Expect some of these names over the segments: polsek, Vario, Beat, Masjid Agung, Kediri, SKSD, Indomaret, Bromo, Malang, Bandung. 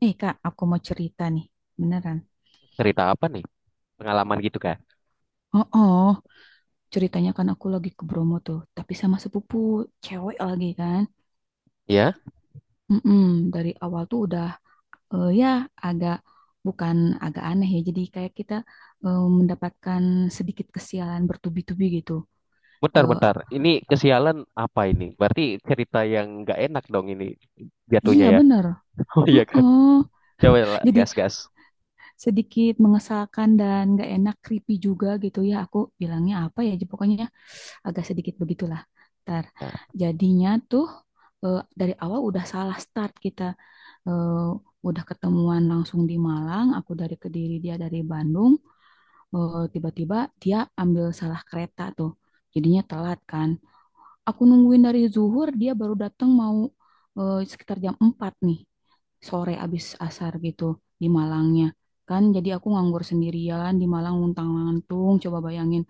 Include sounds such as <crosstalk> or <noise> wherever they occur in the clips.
Nih Kak, aku mau cerita nih, beneran. Cerita apa nih? Pengalaman gitu kan? Oh, oh, ceritanya kan aku lagi ke Bromo tuh, tapi sama sepupu cewek lagi kan. Ya, Mm-mm, dari awal tuh udah, ya agak bukan agak aneh ya. Jadi kayak kita mendapatkan sedikit kesialan bertubi-tubi gitu. Eh, bentar-bentar. Ini kesialan apa ini? Berarti cerita yang nggak enak dong ini iya jatuhnya ya. bener. <laughs> Oh iya Oh, kan? oh. Coba lah, Jadi gas-gas. sedikit mengesalkan dan gak enak, creepy juga gitu ya. Aku bilangnya apa ya? Pokoknya agak sedikit begitulah. Ntar Ya. jadinya tuh dari awal udah salah start kita eh, udah ketemuan langsung di Malang, aku dari Kediri, dia dari Bandung. Tiba-tiba dia ambil salah kereta tuh, jadinya telat kan. Aku nungguin dari zuhur, dia baru datang mau sekitar jam 4 nih, sore abis asar gitu di Malangnya. Kan jadi aku nganggur sendirian di Malang untang-lantung, coba bayangin,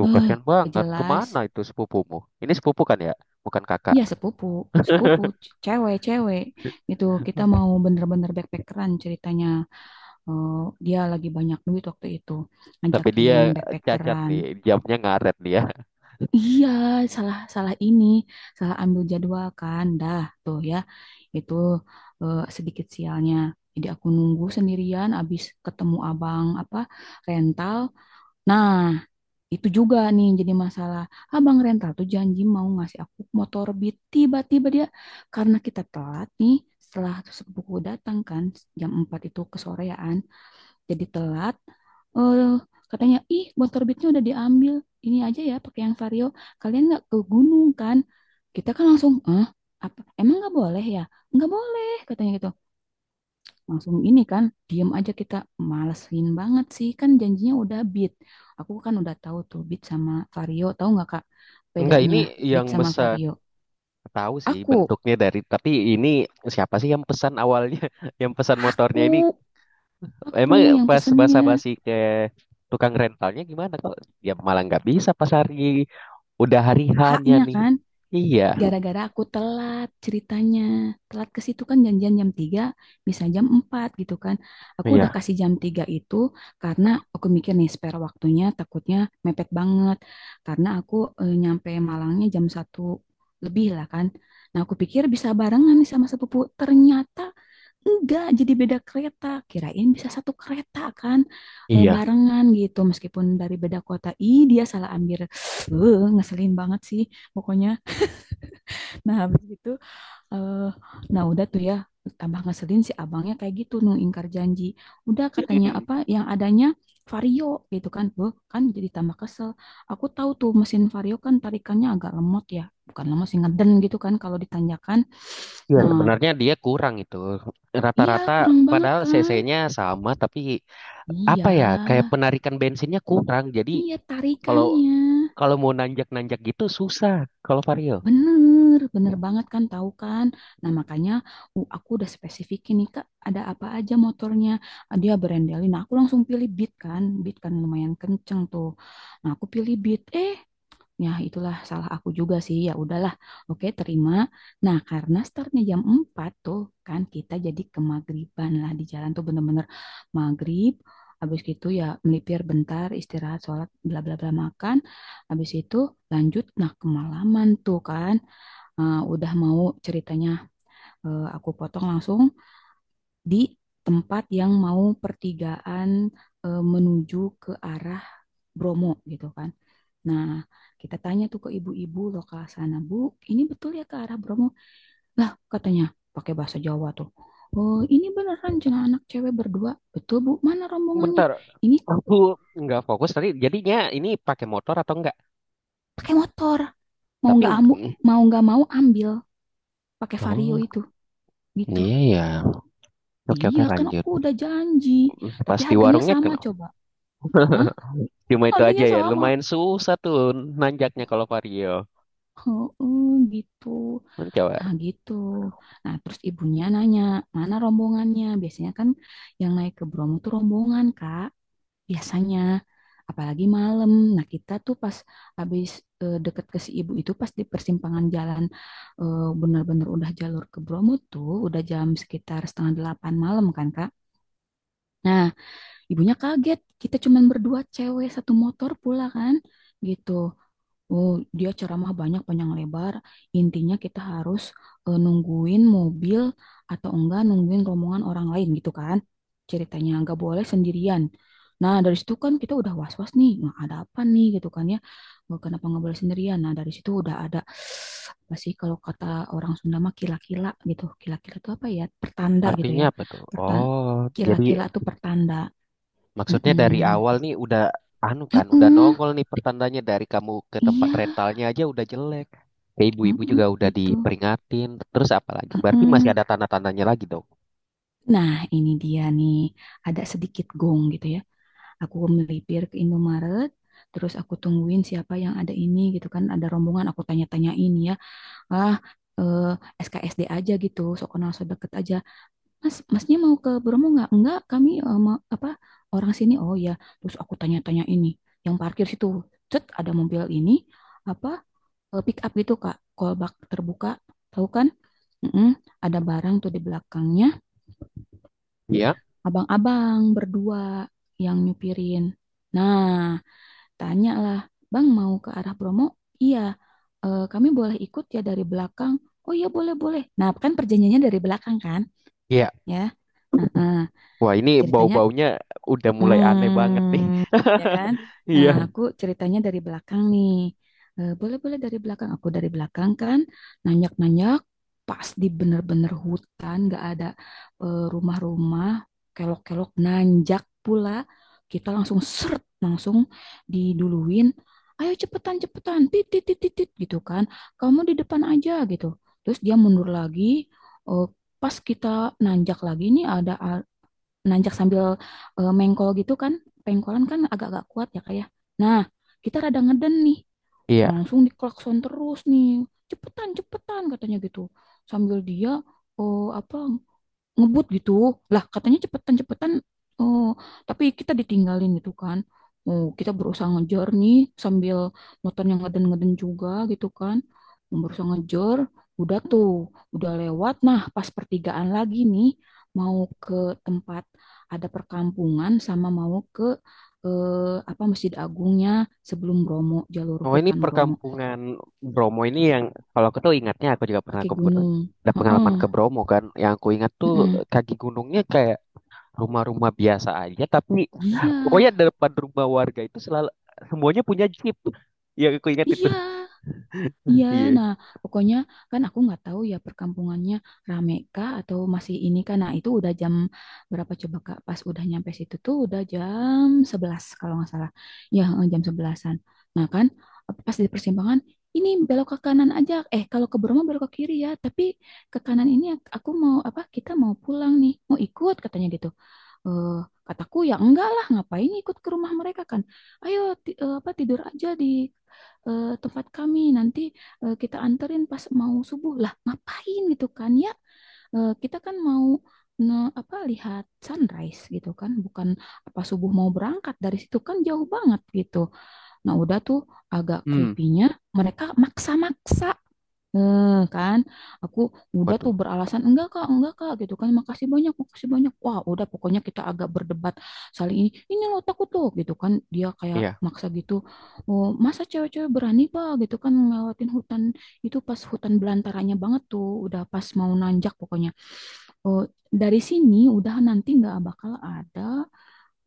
Eh, Kasihan banget. jelas. Kemana itu sepupumu? Ini sepupu kan ya? Bukan kakak. Iya sepupu, sepupu, <laughs> cewek-cewek gitu. Kita mau bener-bener backpackeran ceritanya. Eh, Dia lagi banyak duit waktu itu, Tapi dia ngajakin cacat backpackeran. nih, jamnya ngaret dia. Iya, salah salah ini, salah ambil jadwal kan, dah tuh ya. Itu sedikit sialnya. Jadi aku nunggu sendirian, abis ketemu abang apa rental. Nah, itu juga nih yang jadi masalah. Abang rental tuh janji mau ngasih aku motor Beat. Tiba-tiba dia karena kita telat nih setelah sepupu datang kan jam 4 itu kesorean. Jadi telat. Eh Katanya, ih motor Beatnya udah diambil. Ini aja ya pakai yang Vario. Kalian nggak ke gunung kan? Kita kan langsung, ah apa? Emang nggak boleh ya? Nggak boleh katanya gitu langsung ini kan diem aja kita, malesin banget sih kan janjinya udah Beat. Aku kan udah tahu tuh Beat sama Vario, tahu nggak kak Enggak, bedanya ini Beat yang sama pesan. Vario. Tahu sih aku bentuknya dari, tapi ini siapa sih yang pesan awalnya? <laughs> Yang pesan motornya ini. aku aku Emang yang pas pesennya. basa-basi ke tukang rentalnya gimana kok? Ya malah nggak bisa pas hari udah hari hanya Haknya nih. kan Iya, gara-gara aku telat ceritanya. Telat ke situ kan janjian jam 3 bisa jam 4 gitu kan. Aku udah iya, kasih jam 3 itu karena aku mikir nih spare waktunya takutnya mepet banget. Karena aku nyampe Malangnya jam 1 lebih lah kan. Nah aku pikir bisa barengan nih sama sepupu. Ternyata enggak, jadi beda kereta. Kirain bisa satu kereta kan, iya. barengan gitu. Meskipun dari beda kota. Ih dia salah ambil. <sniffs> Ngeselin banget sih pokoknya. Nah, habis itu eh nah udah tuh ya, tambah ngeselin si abangnya kayak gitu nu ingkar janji. Udah katanya apa yang adanya Vario gitu kan. Loh, kan jadi tambah kesel. Aku tahu tuh mesin Vario kan tarikannya agak lemot ya. Bukan lemot sih ngeden gitu kan kalau ditanjakan. Iya, Nah, sebenarnya dia kurang itu. iya Rata-rata kurang banget padahal kan? CC-nya sama tapi Iya, apa ya? Kayak penarikan bensinnya kurang. Jadi iya kalau tarikannya. kalau mau nanjak-nanjak gitu susah kalau Vario. Bener, bener banget kan tahu kan. Nah Hmm. makanya aku udah spesifikin nih Kak, ada apa aja motornya. Ah, dia berendelin. Nah aku langsung pilih Beat kan. Beat kan lumayan kenceng tuh. Nah aku pilih Beat. Ya, itulah salah aku juga sih. Ya udahlah. Oke, terima. Nah, karena startnya jam 4 tuh kan kita jadi ke maghriban lah di jalan tuh bener-bener maghrib. Habis gitu ya melipir bentar, istirahat, sholat, bla bla bla makan. Habis itu lanjut nah kemalaman tuh kan. Udah mau ceritanya aku potong langsung di tempat yang mau pertigaan menuju ke arah Bromo gitu kan. Nah, kita tanya tuh ke ibu-ibu lokal sana, Bu, ini betul ya ke arah Bromo? Lah, katanya pakai bahasa Jawa tuh. Oh, ini beneran jangan anak cewek berdua. Betul, Bu. Mana rombongannya? Bentar, Ini aku nggak fokus tadi. Jadinya ini pakai motor atau enggak? pakai motor. Mau Tapi nggak ambu, mau nggak mau ambil pakai Vario oh, itu. Gitu. iya ya. Oke Iya, oke kan lanjut. aku udah janji. Tapi Pas di harganya warungnya sama kenal. coba. Hah? Cuma itu aja Harganya ya. sama. Lumayan susah tuh nanjaknya kalau vario. Heeh, gitu. Kan coba. Nah, gitu. Nah, terus ibunya nanya, mana rombongannya? Biasanya kan yang naik ke Bromo tuh rombongan, Kak. Biasanya. Apalagi malam. Nah, kita tuh pas habis deket ke si ibu itu, pas di persimpangan jalan bener-bener udah jalur ke Bromo tuh, udah jam sekitar setengah delapan malam kan, Kak. Nah, ibunya kaget. Kita cuman berdua cewek satu motor pula kan. Gitu. Oh, dia ceramah banyak panjang lebar. Intinya kita harus nungguin mobil atau enggak nungguin rombongan orang lain gitu kan. Ceritanya enggak boleh sendirian. Nah, dari situ kan kita udah was-was nih. Nah, ada apa nih gitu kan ya. Nggak- Kenapa nggak boleh sendirian? Nah, dari situ udah ada, <sighs> apa sih kalau kata orang Sunda mah kila-kila gitu. Kila-kila itu apa ya? Pertanda gitu Artinya ya. apa tuh? Pertan Oh, jadi Kila-kila itu pertanda. maksudnya dari Mm-mm. awal nih udah anu kan, udah Heeh, nongol nih pertandanya dari kamu ke tempat iya, rentalnya aja udah jelek. Ke ibu-ibu heeh, juga udah gitu. diperingatin. Terus apa lagi? Berarti masih Heeh. ada tanda-tandanya lagi dong. Nah, ini dia nih, ada sedikit gong gitu ya. Aku melipir ke Indomaret, terus aku tungguin siapa yang ada ini gitu kan. Ada rombongan, aku tanya-tanyain ya. Ah, eh, SKSD aja gitu, sok kenal sok deket aja. Mas, masnya mau ke Bromo nggak? Enggak, kami apa orang sini. Oh ya, terus aku tanya-tanya ini. Yang parkir situ, cet, ada mobil ini, apa pick up gitu Kak, kolbak terbuka, tahu kan? Mm-mm, ada barang tuh di belakangnya Iya. abang-abang berdua yang nyupirin. Nah, tanyalah, Bang mau ke arah Bromo? Iya. Eh, kami boleh ikut ya dari belakang. Oh iya boleh boleh. Nah, kan perjanjiannya dari belakang kan, Iya. ya. Heeh. Wah, ini Ceritanya. bau-baunya udah mulai aneh banget nih. Hmm, <laughs> ya kan? Nah, Iya. aku ceritanya dari belakang nih. Eh, boleh-boleh dari belakang. Aku dari belakang kan, nanyak-nanyak, pas di bener-bener hutan, gak ada rumah-rumah, kelok-kelok, nanjak pula. Kita langsung seret, langsung diduluin. Ayo cepetan, cepetan, titit, titit, titit, gitu kan. Kamu di depan aja, gitu. Terus dia mundur lagi, eh, pas kita nanjak lagi nih ada nanjak sambil mengkol gitu kan. Pengkolan kan agak-agak kuat ya kayak. Nah, kita rada ngeden nih. Iya. Langsung diklakson terus nih. Cepetan, cepetan katanya gitu. Sambil dia oh apa ngebut gitu lah katanya cepetan-cepetan. Oh, tapi kita ditinggalin gitu kan. Oh, kita berusaha ngejar nih sambil motornya ngeden-ngeden juga gitu kan, berusaha ngejar. Udah tuh udah lewat, nah pas pertigaan lagi nih mau ke tempat, ada perkampungan sama mau ke eh, apa Masjid Agungnya, sebelum Bromo jalur Oh ini hutan Bromo, perkampungan Bromo ini yang kalau aku tuh ingatnya aku juga pernah kaki ke gunung. ada Heeh, pengalaman ke Bromo kan. Yang aku ingat tuh heeh. kaki gunungnya kayak rumah-rumah biasa aja tapi Iya, pokoknya depan rumah warga itu selalu semuanya punya jeep. Yang aku ingat itu. iya. Iya, Iya. nah pokoknya kan aku nggak tahu ya perkampungannya rame kah atau masih ini kan. Nah itu udah jam berapa coba Kak? Pas udah nyampe situ tuh udah jam 11 kalau nggak salah. Ya jam sebelasan. Nah kan pas di persimpangan ini belok ke kanan aja. Eh kalau ke Bromo belok ke kiri ya. Tapi ke kanan ini aku mau apa? Kita mau pulang nih. Mau ikut katanya gitu. Eh, kataku ya enggak lah ngapain ikut ke rumah mereka kan, ayo ti- eh, apa tidur aja di tempat kami nanti, kita anterin pas mau subuh lah ngapain gitu kan ya. Eh, kita kan mau ne- apa lihat sunrise gitu kan, bukan apa subuh mau berangkat dari situ kan jauh banget gitu. Nah udah tuh agak Hmm. creepy-nya mereka maksa-maksa. Eh, kan aku udah tuh Waduh. beralasan enggak kak gitu kan makasih banyak wah udah pokoknya kita agak berdebat, saling ini loh takut tuh gitu kan dia kayak Iya. maksa gitu. Oh masa cewek-cewek berani pak gitu kan ngelewatin hutan, itu pas hutan belantaranya banget tuh udah pas mau nanjak pokoknya. Oh dari sini udah nanti nggak bakal ada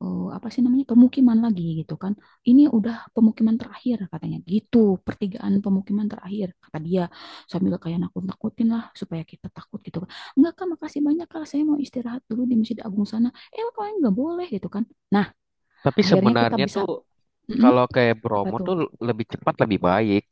apa sih namanya pemukiman lagi gitu kan, ini udah pemukiman terakhir katanya gitu, pertigaan pemukiman terakhir kata dia, sambil kayak nakut-nakutin lah supaya kita takut gitu kan. Enggak kak makasih banyak kak saya mau istirahat dulu di Masjid Agung sana, eh kalian nggak boleh gitu kan. Nah Tapi akhirnya kita sebenarnya bisa tuh "Mm-mm, kalau kayak apa Bromo tuh tuh lebih cepat lebih baik.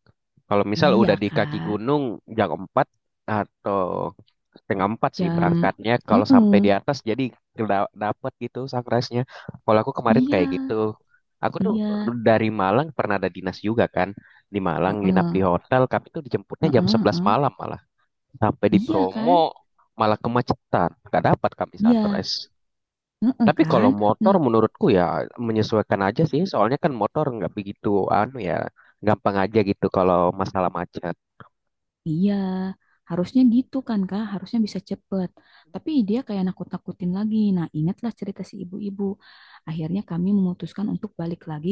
Kalau misal iya udah di kaki kak gunung jam 4 atau setengah 4 sih jam berangkatnya. Kalau sampai di "Mm-mm, atas jadi da- dapet gitu sunrise-nya. Kalau aku kemarin iya kayak gitu. Aku tuh iya dari Malang pernah ada dinas juga kan. Di Malang nginap di "Mm-mm, hotel. Kami tuh dijemputnya mm-mm, jam 11 mm-mm, malam malah. Sampai di iya kan Bromo malah kemacetan. Gak dapat kami iya sunrise. mm Tapi kan. kalau motor Hmm. menurutku ya menyesuaikan aja sih. Soalnya kan motor nggak begitu anu ya gampang aja gitu kalau masalah macet. Iya, harusnya gitu kan Kak, harusnya bisa cepet. Tapi dia kayak nakut-nakutin lagi. Nah, ingatlah cerita si ibu-ibu. Akhirnya kami memutuskan untuk balik lagi.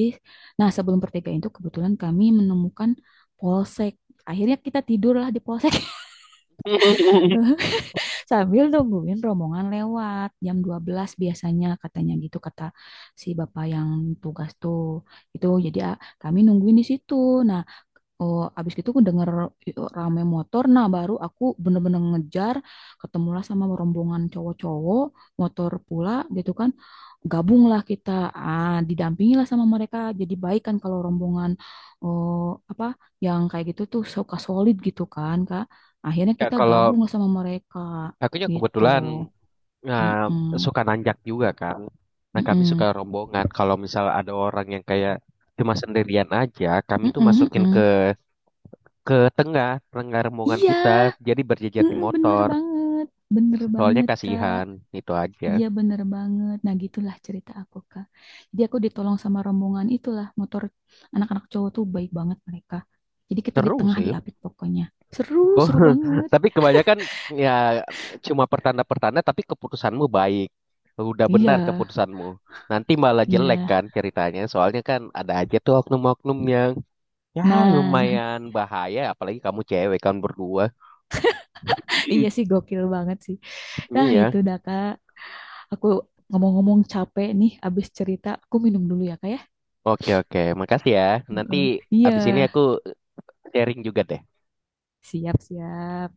Nah, sebelum pertigaan itu kebetulan kami menemukan polsek. Akhirnya kita tidurlah di polsek. <laughs> eh, <laughs> Sambil nungguin rombongan lewat jam 12 biasanya katanya gitu kata si bapak yang tugas tuh. Itu jadi ah, kami nungguin di situ. Nah, oh, abis itu aku denger rame motor, nah baru aku bener-bener ngejar, ketemulah sama rombongan cowok-cowok, motor pula gitu kan, gabunglah kita, ah, didampingilah sama mereka, jadi baik kan kalau rombongan. Oh, apa yang kayak gitu tuh suka solid gitu kan Kak, akhirnya Ya kita gabung kalau lah sama mereka akunya gitu. kebetulan nah, Mm-mm, suka nanjak juga kan. Nah kami suka mm-mm, rombongan. Kalau misal ada orang yang kayak cuma sendirian aja, kami mm-mm, tuh masukin mm-mm. ke tengah tengah rombongan kita. Iya, Jadi berjejer di mm, motor. Bener Soalnya banget Kak. kasihan itu aja. Iya bener banget. Nah gitulah cerita aku Kak. Jadi aku ditolong sama rombongan itulah, motor anak-anak cowok tuh baik banget mereka. Jadi kita di Seru tengah sih. diapit pokoknya. Seru, seru <laughs> banget. Tapi kebanyakan ya cuma pertanda-pertanda. Tapi keputusanmu baik. Udah Iya, benar keputusanmu. Nanti malah jelek iya. kan ceritanya. Soalnya kan ada aja tuh oknum-oknum yang Ya, Nah, lumayan bahaya, apalagi kamu cewek kan berdua. <laughs> iya sih <laughs> gokil banget sih. Nah Iya. itu dah Kak. Aku ngomong-ngomong capek nih abis cerita. Aku minum dulu ya Kak ya. Oke, oke. Makasih ya. Nanti Mm-mm. Iya, abis ini aku sharing juga deh. siap-siap.